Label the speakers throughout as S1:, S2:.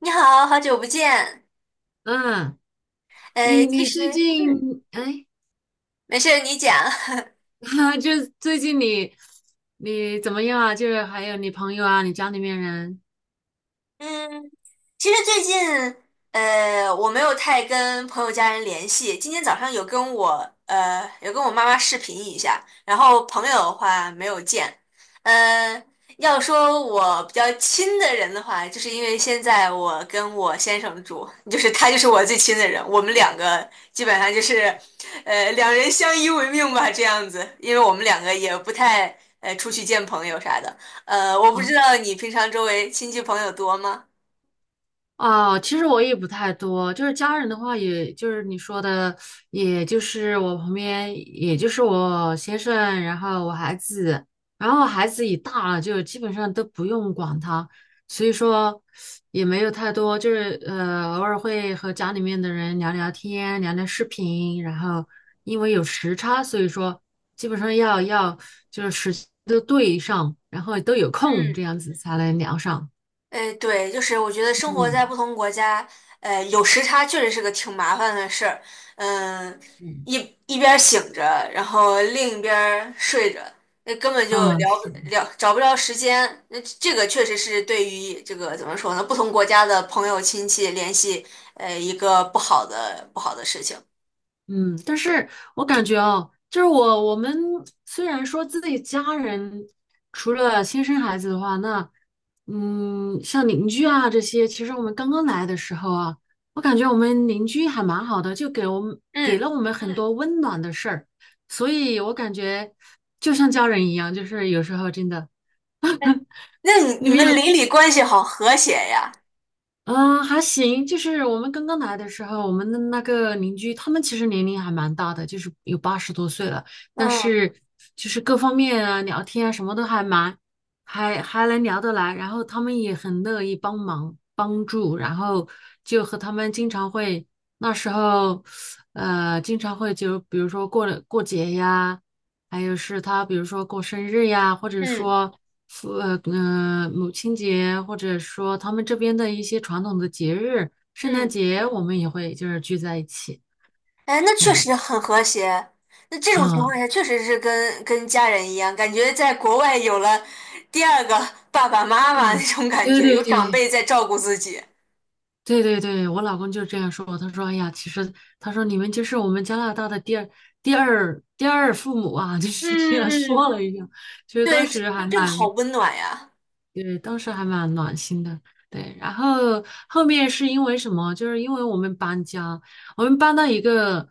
S1: 你好，好久不见。
S2: 嗯，你
S1: 其
S2: 你
S1: 实，
S2: 最
S1: 嗯，
S2: 近哎，
S1: 没事儿你讲。
S2: 哈，就是最近你怎么样啊？就是还有你朋友啊，你家里面人。
S1: 嗯，其实最近，我没有太跟朋友家人联系。今天早上有跟我妈妈视频一下，然后朋友的话没有见。呃，要说我比较亲的人的话，就是因为现在我跟我先生住，就是他就是我最亲的人，我们两个基本上就是，两人相依为命吧，这样子。因为我们两个也不太，出去见朋友啥的。我不
S2: 哦。
S1: 知道你平常周围亲戚朋友多吗？
S2: 哦，其实我也不太多，就是家人的话，也就是你说的，也就是我旁边，也就是我先生，然后我孩子，然后孩子也大了，就基本上都不用管他，所以说也没有太多，就是偶尔会和家里面的人聊聊天，聊聊视频，然后因为有时差，所以说基本上要就是时间都对上，然后都有空，这
S1: 嗯，
S2: 样子才能聊上。
S1: 哎，对，就是我觉得生活在
S2: 嗯。
S1: 不同国家，有时差确实是个挺麻烦的事儿。嗯，
S2: 嗯，
S1: 一一边儿醒着，然后另一边儿睡着，那根本就
S2: 嗯，
S1: 聊找不着时间。那这个确实是对于这个怎么说呢，不同国家的朋友亲戚联系，一个不好的事情。
S2: 嗯，但是我感觉哦，就是我们虽然说自己家人除了亲生孩子的话，那像邻居啊这些，其实我们刚刚来的时候啊，我感觉我们邻居还蛮好的，就给我们给
S1: 嗯，
S2: 了我们很多温暖的事儿，所以我感觉就像家人一样，就是有时候真的。
S1: 哎，那你
S2: 你
S1: 你
S2: 们
S1: 们
S2: 有
S1: 邻里关系好和谐呀？
S2: 嗯，还行，就是我们刚刚来的时候，我们的那个邻居，他们其实年龄还蛮大的，就是有80多岁了，但
S1: 嗯
S2: 是就是各方面啊，聊天啊，什么都还蛮，还能聊得来，然后他们也很乐意帮忙帮助，然后就和他们经常会，那时候，经常会就比如说过节呀。还有是他比如说过生日呀，或者
S1: 嗯
S2: 说母亲节，或者说他们这边的一些传统的节日，圣诞
S1: 嗯。
S2: 节我们也会就是聚在一起，
S1: 哎，那
S2: 这
S1: 确
S2: 样
S1: 实
S2: 子
S1: 很和谐。那这种情
S2: 啊。
S1: 况下，确实是跟家人一样，感觉在国外有了第二个 爸爸妈妈那
S2: 对
S1: 种感觉，
S2: 对
S1: 有长
S2: 对
S1: 辈在照顾自己。
S2: 对对对对，我老公就这样说，他说哎呀，其实他说你们就是我们加拿大的第二父母啊，就是这样
S1: 嗯
S2: 说
S1: 嗯，
S2: 了一下。其实当
S1: 对，这
S2: 时还
S1: 这个好
S2: 蛮，
S1: 温暖呀。
S2: 对，当时还蛮暖心的。对，然后后面是因为什么？就是因为我们搬家，我们搬到一个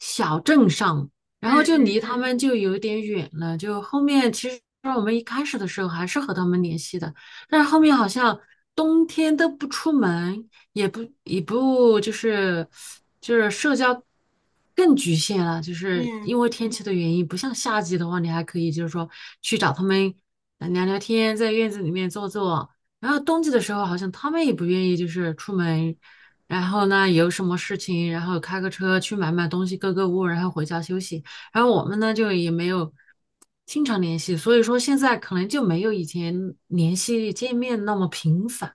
S2: 小镇上，然
S1: 嗯
S2: 后就离
S1: 嗯
S2: 他们就有点远了。就后面其实我们一开始的时候还是和他们联系的，但是后面好像冬天都不出门，也不也不就是社交更局限了，就是因
S1: 嗯。
S2: 为天气的原因，不像夏季的话，你还可以就是说去找他们聊聊天，在院子里面坐坐。然后冬季的时候，好像他们也不愿意就是出门，然后呢有什么事情，然后开个车去买买东西、购物，然后回家休息。然后我们呢就也没有经常联系，所以说现在可能就没有以前联系见面那么频繁。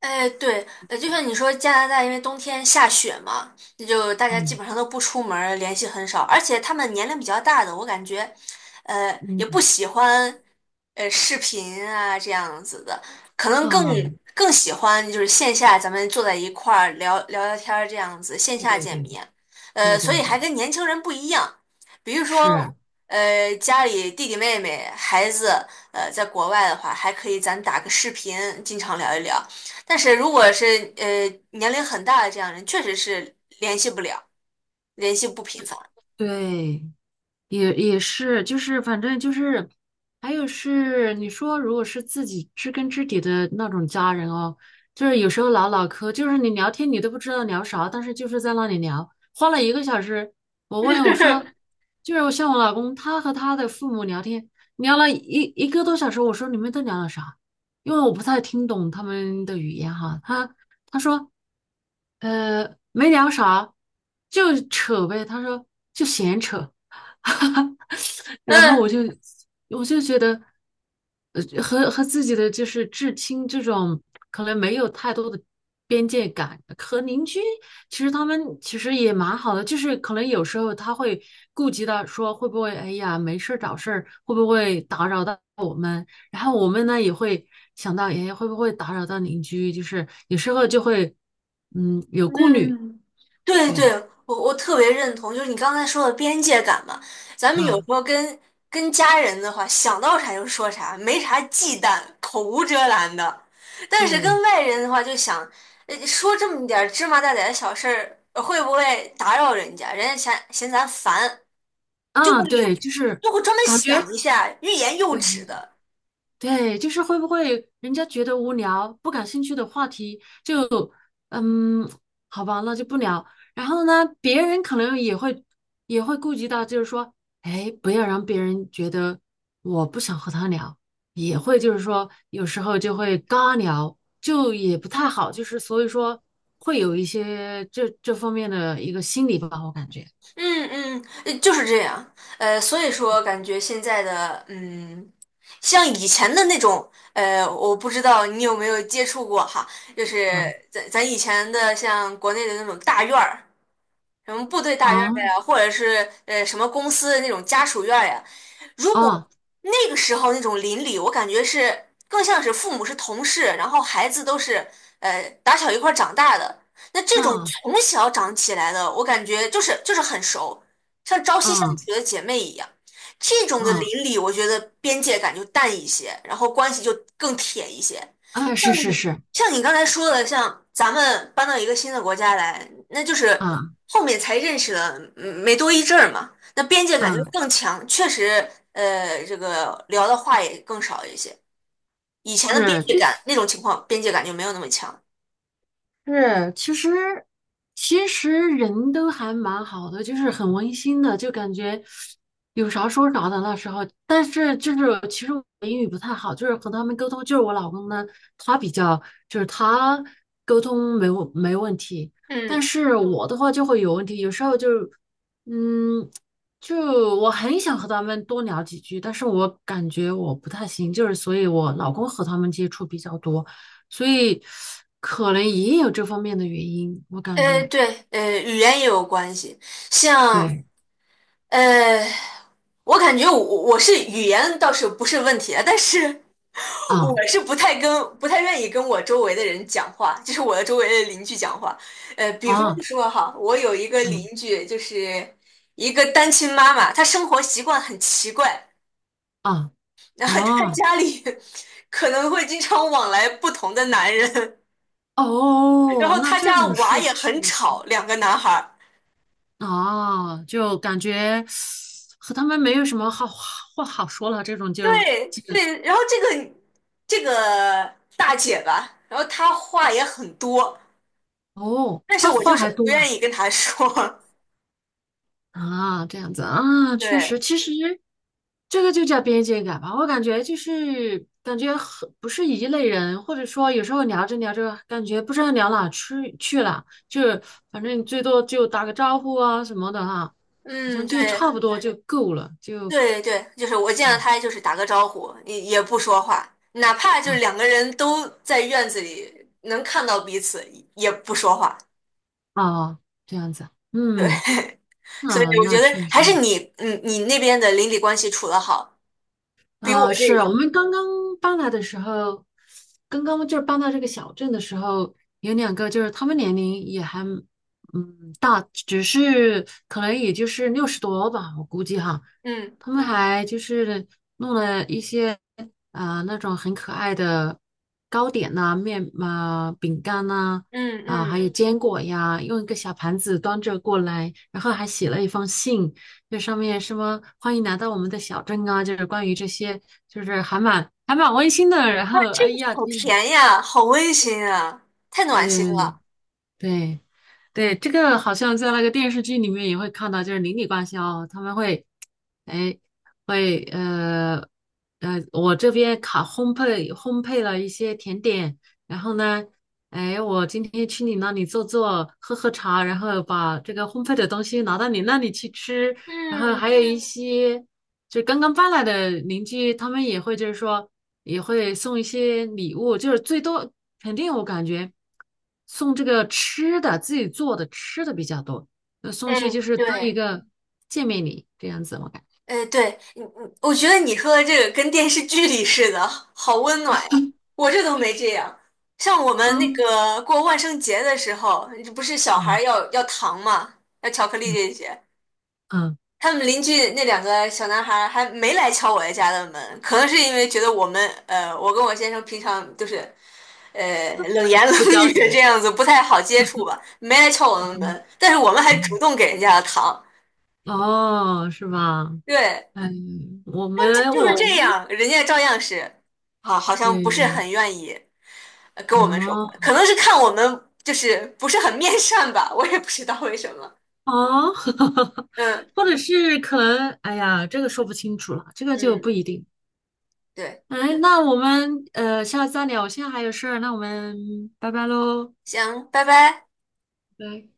S1: 哎，对，就像你说，加拿大因为冬天下雪嘛，那就大家基
S2: 嗯
S1: 本上都不出门儿联系很少，而且他们年龄比较大的，我感觉，
S2: 嗯。
S1: 也不喜欢，视频啊这样子的，可能更
S2: 啊，
S1: 更喜欢就是线下咱们坐在一块儿聊聊天儿这样子，线
S2: 对
S1: 下
S2: 对
S1: 见
S2: 对
S1: 面，
S2: 对
S1: 所
S2: 对
S1: 以
S2: 对，
S1: 还跟年轻人不一样，比如说，
S2: 是，
S1: 家里弟弟妹妹孩子，在国外的话，还可以咱打个视频，经常聊一聊。但是如果是年龄很大的这样人，确实是联系不了，联系不频繁。
S2: 对，也是，就是反正就是，还有是你说，如果是自己知根知底的那种家人哦，就是有时候唠唠嗑，就是你聊天你都不知道聊啥，但是就是在那里聊，花了1个小时。我问我说，就是我，像我老公，他和他的父母聊天，聊了一个多小时，我说你们都聊了啥？因为我不太听懂他们的语言哈，他说。没聊啥，就扯呗。他说就闲扯。然后
S1: 嗯
S2: 我就觉得，和自己的就是至亲这种可能没有太多的边界感，和邻居其实他们其实也蛮好的，就是可能有时候他会顾及到说会不会哎呀没事儿找事儿，会不会打扰到我们，然后我们呢也会想到，哎会不会打扰到邻居，就是有时候就会有顾虑。
S1: 嗯，对对，
S2: 对
S1: 我特别认同，就是你刚才说的边界感嘛，咱们有时
S2: 啊
S1: 候跟家人的话，想到啥就说啥，没啥忌惮，口无遮拦的。但是跟
S2: 对
S1: 外人的话，就想说这么点儿芝麻大点儿的小事儿，会不会打扰人家？人家嫌咱烦，就
S2: 啊
S1: 会有
S2: 对，就是
S1: 就会专门
S2: 感
S1: 想
S2: 觉。
S1: 一下，欲言又止
S2: 对
S1: 的。
S2: 对，就是会不会人家觉得无聊、不感兴趣的话题就，嗯，好吧，那就不聊。然后呢，别人可能也会顾及到，就是说，哎，不要让别人觉得我不想和他聊，也会就是说，有时候就会尬聊，就也不太好，就是所以说会有一些这方面的一个心理吧，我感觉。
S1: 嗯嗯，就是这样。所以说感觉现在的像以前的那种，我不知道你有没有接触过哈，就是
S2: 啊
S1: 咱以前的像国内的那种大院儿，什么部队大院儿
S2: 啊
S1: 呀，或者是什么公司的那种家属院儿呀。如
S2: 啊
S1: 果那个时候那种邻里，我感觉是更像是父母是同事，然后孩子都是打小一块儿长大的。那这种
S2: 啊
S1: 从小长起来的，我感觉就是很熟，像朝夕相
S2: 啊
S1: 处的姐妹一样。这种的
S2: 啊，
S1: 邻里，我觉得边界感就淡一些，然后关系就更铁一些。
S2: 哎，是是是，
S1: 像你刚才说的，像咱们搬到一个新的国家来，那就是
S2: 啊
S1: 后面才认识了，没多一阵儿嘛，那边界感就
S2: 啊。
S1: 更强，确实，这个聊的话也更少一些。以前的边
S2: 是，
S1: 界
S2: 就
S1: 感
S2: 是
S1: 那种情况，边界感就没有那么强。
S2: 其实其实人都还蛮好的，就是很温馨的，就感觉有啥说啥的那时候。但是就是其实我英语不太好，就是和他们沟通，就是我老公呢，他比较就是他沟通没问题，但
S1: 嗯，
S2: 是我的话就会有问题，有时候嗯，就我很想和他们多聊几句，但是我感觉我不太行，就是所以我老公和他们接触比较多。所以可能也有这方面的原因，我感觉。
S1: 对，语言也有关系。像，
S2: 对
S1: 呃，我感觉我是语言倒是不是问题啊，但是
S2: 啊
S1: 我是不太愿意跟我周围的人讲话，就是我的周围的邻居讲话。比方
S2: 啊
S1: 说哈，我有一个邻
S2: 啊
S1: 居，就是一个单亲妈妈，她生活习惯很奇怪，
S2: 啊
S1: 然后她
S2: 啊。
S1: 家里可能会经常往来不同的男人，然
S2: 哦，
S1: 后
S2: 那
S1: 她
S2: 这
S1: 家
S2: 种
S1: 娃
S2: 事
S1: 也很
S2: 情
S1: 吵，两个男孩儿。
S2: 啊，就感觉和他们没有什么好话好说了，这种就。
S1: 对对，然后这个大姐吧，然后她话也很多，
S2: 哦，
S1: 但是
S2: 他
S1: 我
S2: 话
S1: 就是
S2: 还
S1: 不
S2: 多啊。
S1: 愿意跟她说。
S2: 啊，这样子啊，确实，
S1: 对，
S2: 其实这个就叫边界感吧。我感觉就是感觉很不是一类人，或者说有时候聊着聊着，感觉不知道聊哪去了，就是反正最多就打个招呼啊什么的哈，好像
S1: 嗯，
S2: 就差
S1: 对。
S2: 不多就够了，就
S1: 对对，就是我见
S2: 这
S1: 到
S2: 样。
S1: 他就是打个招呼，也不说话，哪怕就是
S2: 啊
S1: 两个人都在院子里能看到彼此，也不说话。
S2: 啊。这样子，
S1: 对，
S2: 嗯，
S1: 所以
S2: 那
S1: 我
S2: 那
S1: 觉得
S2: 确
S1: 还是
S2: 实。
S1: 你那边的邻里关系处得好，比我
S2: 啊，
S1: 这，
S2: 是我们刚刚搬来的时候，刚刚就是搬到这个小镇的时候，有2个就是他们年龄也还大，只是可能也就是60多吧，我估计哈，
S1: 嗯
S2: 他们还就是弄了一些那种很可爱的糕点呐、面啊、饼干呐、
S1: 嗯
S2: 啊，还有
S1: 嗯，
S2: 坚果呀，用一个小盘子端着过来，然后还写了一封信，这上面什么欢迎来到我们的小镇啊，就是关于这些，就是还蛮温馨的。然
S1: 哇
S2: 后，
S1: 这
S2: 哎
S1: 个
S2: 呀，
S1: 好
S2: 天呐。
S1: 甜呀，好温馨啊，太
S2: 对
S1: 暖
S2: 对
S1: 心
S2: 对
S1: 了。
S2: 对。对，对，这个好像在那个电视剧里面也会看到，就是邻里关系哦，他们会，哎，会我这边烤烘焙烘焙了一些甜点，然后呢，哎，我今天去你那里坐坐，喝喝茶，然后把这个烘焙的东西拿到你那里去吃，然后
S1: 嗯，
S2: 还有一些就是刚刚搬来的邻居，他们也会就是说。也会送一些礼物，就是最多肯定我感觉送这个吃的，自己做的吃的比较多，那送
S1: 哎，
S2: 去就是当一
S1: 对。
S2: 个见面礼这样子，我感觉。
S1: 对，我觉得你说的这个跟电视剧里似的，好温暖呀！我这都没这样。像我们那
S2: 嗯
S1: 个过万圣节的时候，这不是小孩
S2: 嗯
S1: 儿要糖嘛，要巧克力
S2: 嗯
S1: 这些。
S2: 嗯，
S1: 他们邻居那两个小男孩儿还没来敲我家的门，可能是因为觉得我们，我跟我先生平常就是，冷言冷
S2: 不着
S1: 语这
S2: 急，
S1: 样子不太好接触吧，没来敲我们门，但是我们还主
S2: 嗯。
S1: 动给人家的糖。
S2: 哦，是吧？
S1: 对，
S2: 哎，我
S1: 但这
S2: 们
S1: 就是
S2: 我
S1: 这样，人家照样是，好，好 像不是
S2: 对。
S1: 很愿意跟我们说话，
S2: 哦
S1: 可能是看我们就是不是很面善吧，我也不知道为什么。
S2: 哦。
S1: 嗯
S2: 或者是可能，哎呀，这个说不清楚了，这个就不一
S1: 嗯，
S2: 定。
S1: 对，
S2: 哎，那我们下次再聊，我现在还有事儿，那我们拜拜喽。
S1: 行，拜拜。
S2: 拜拜。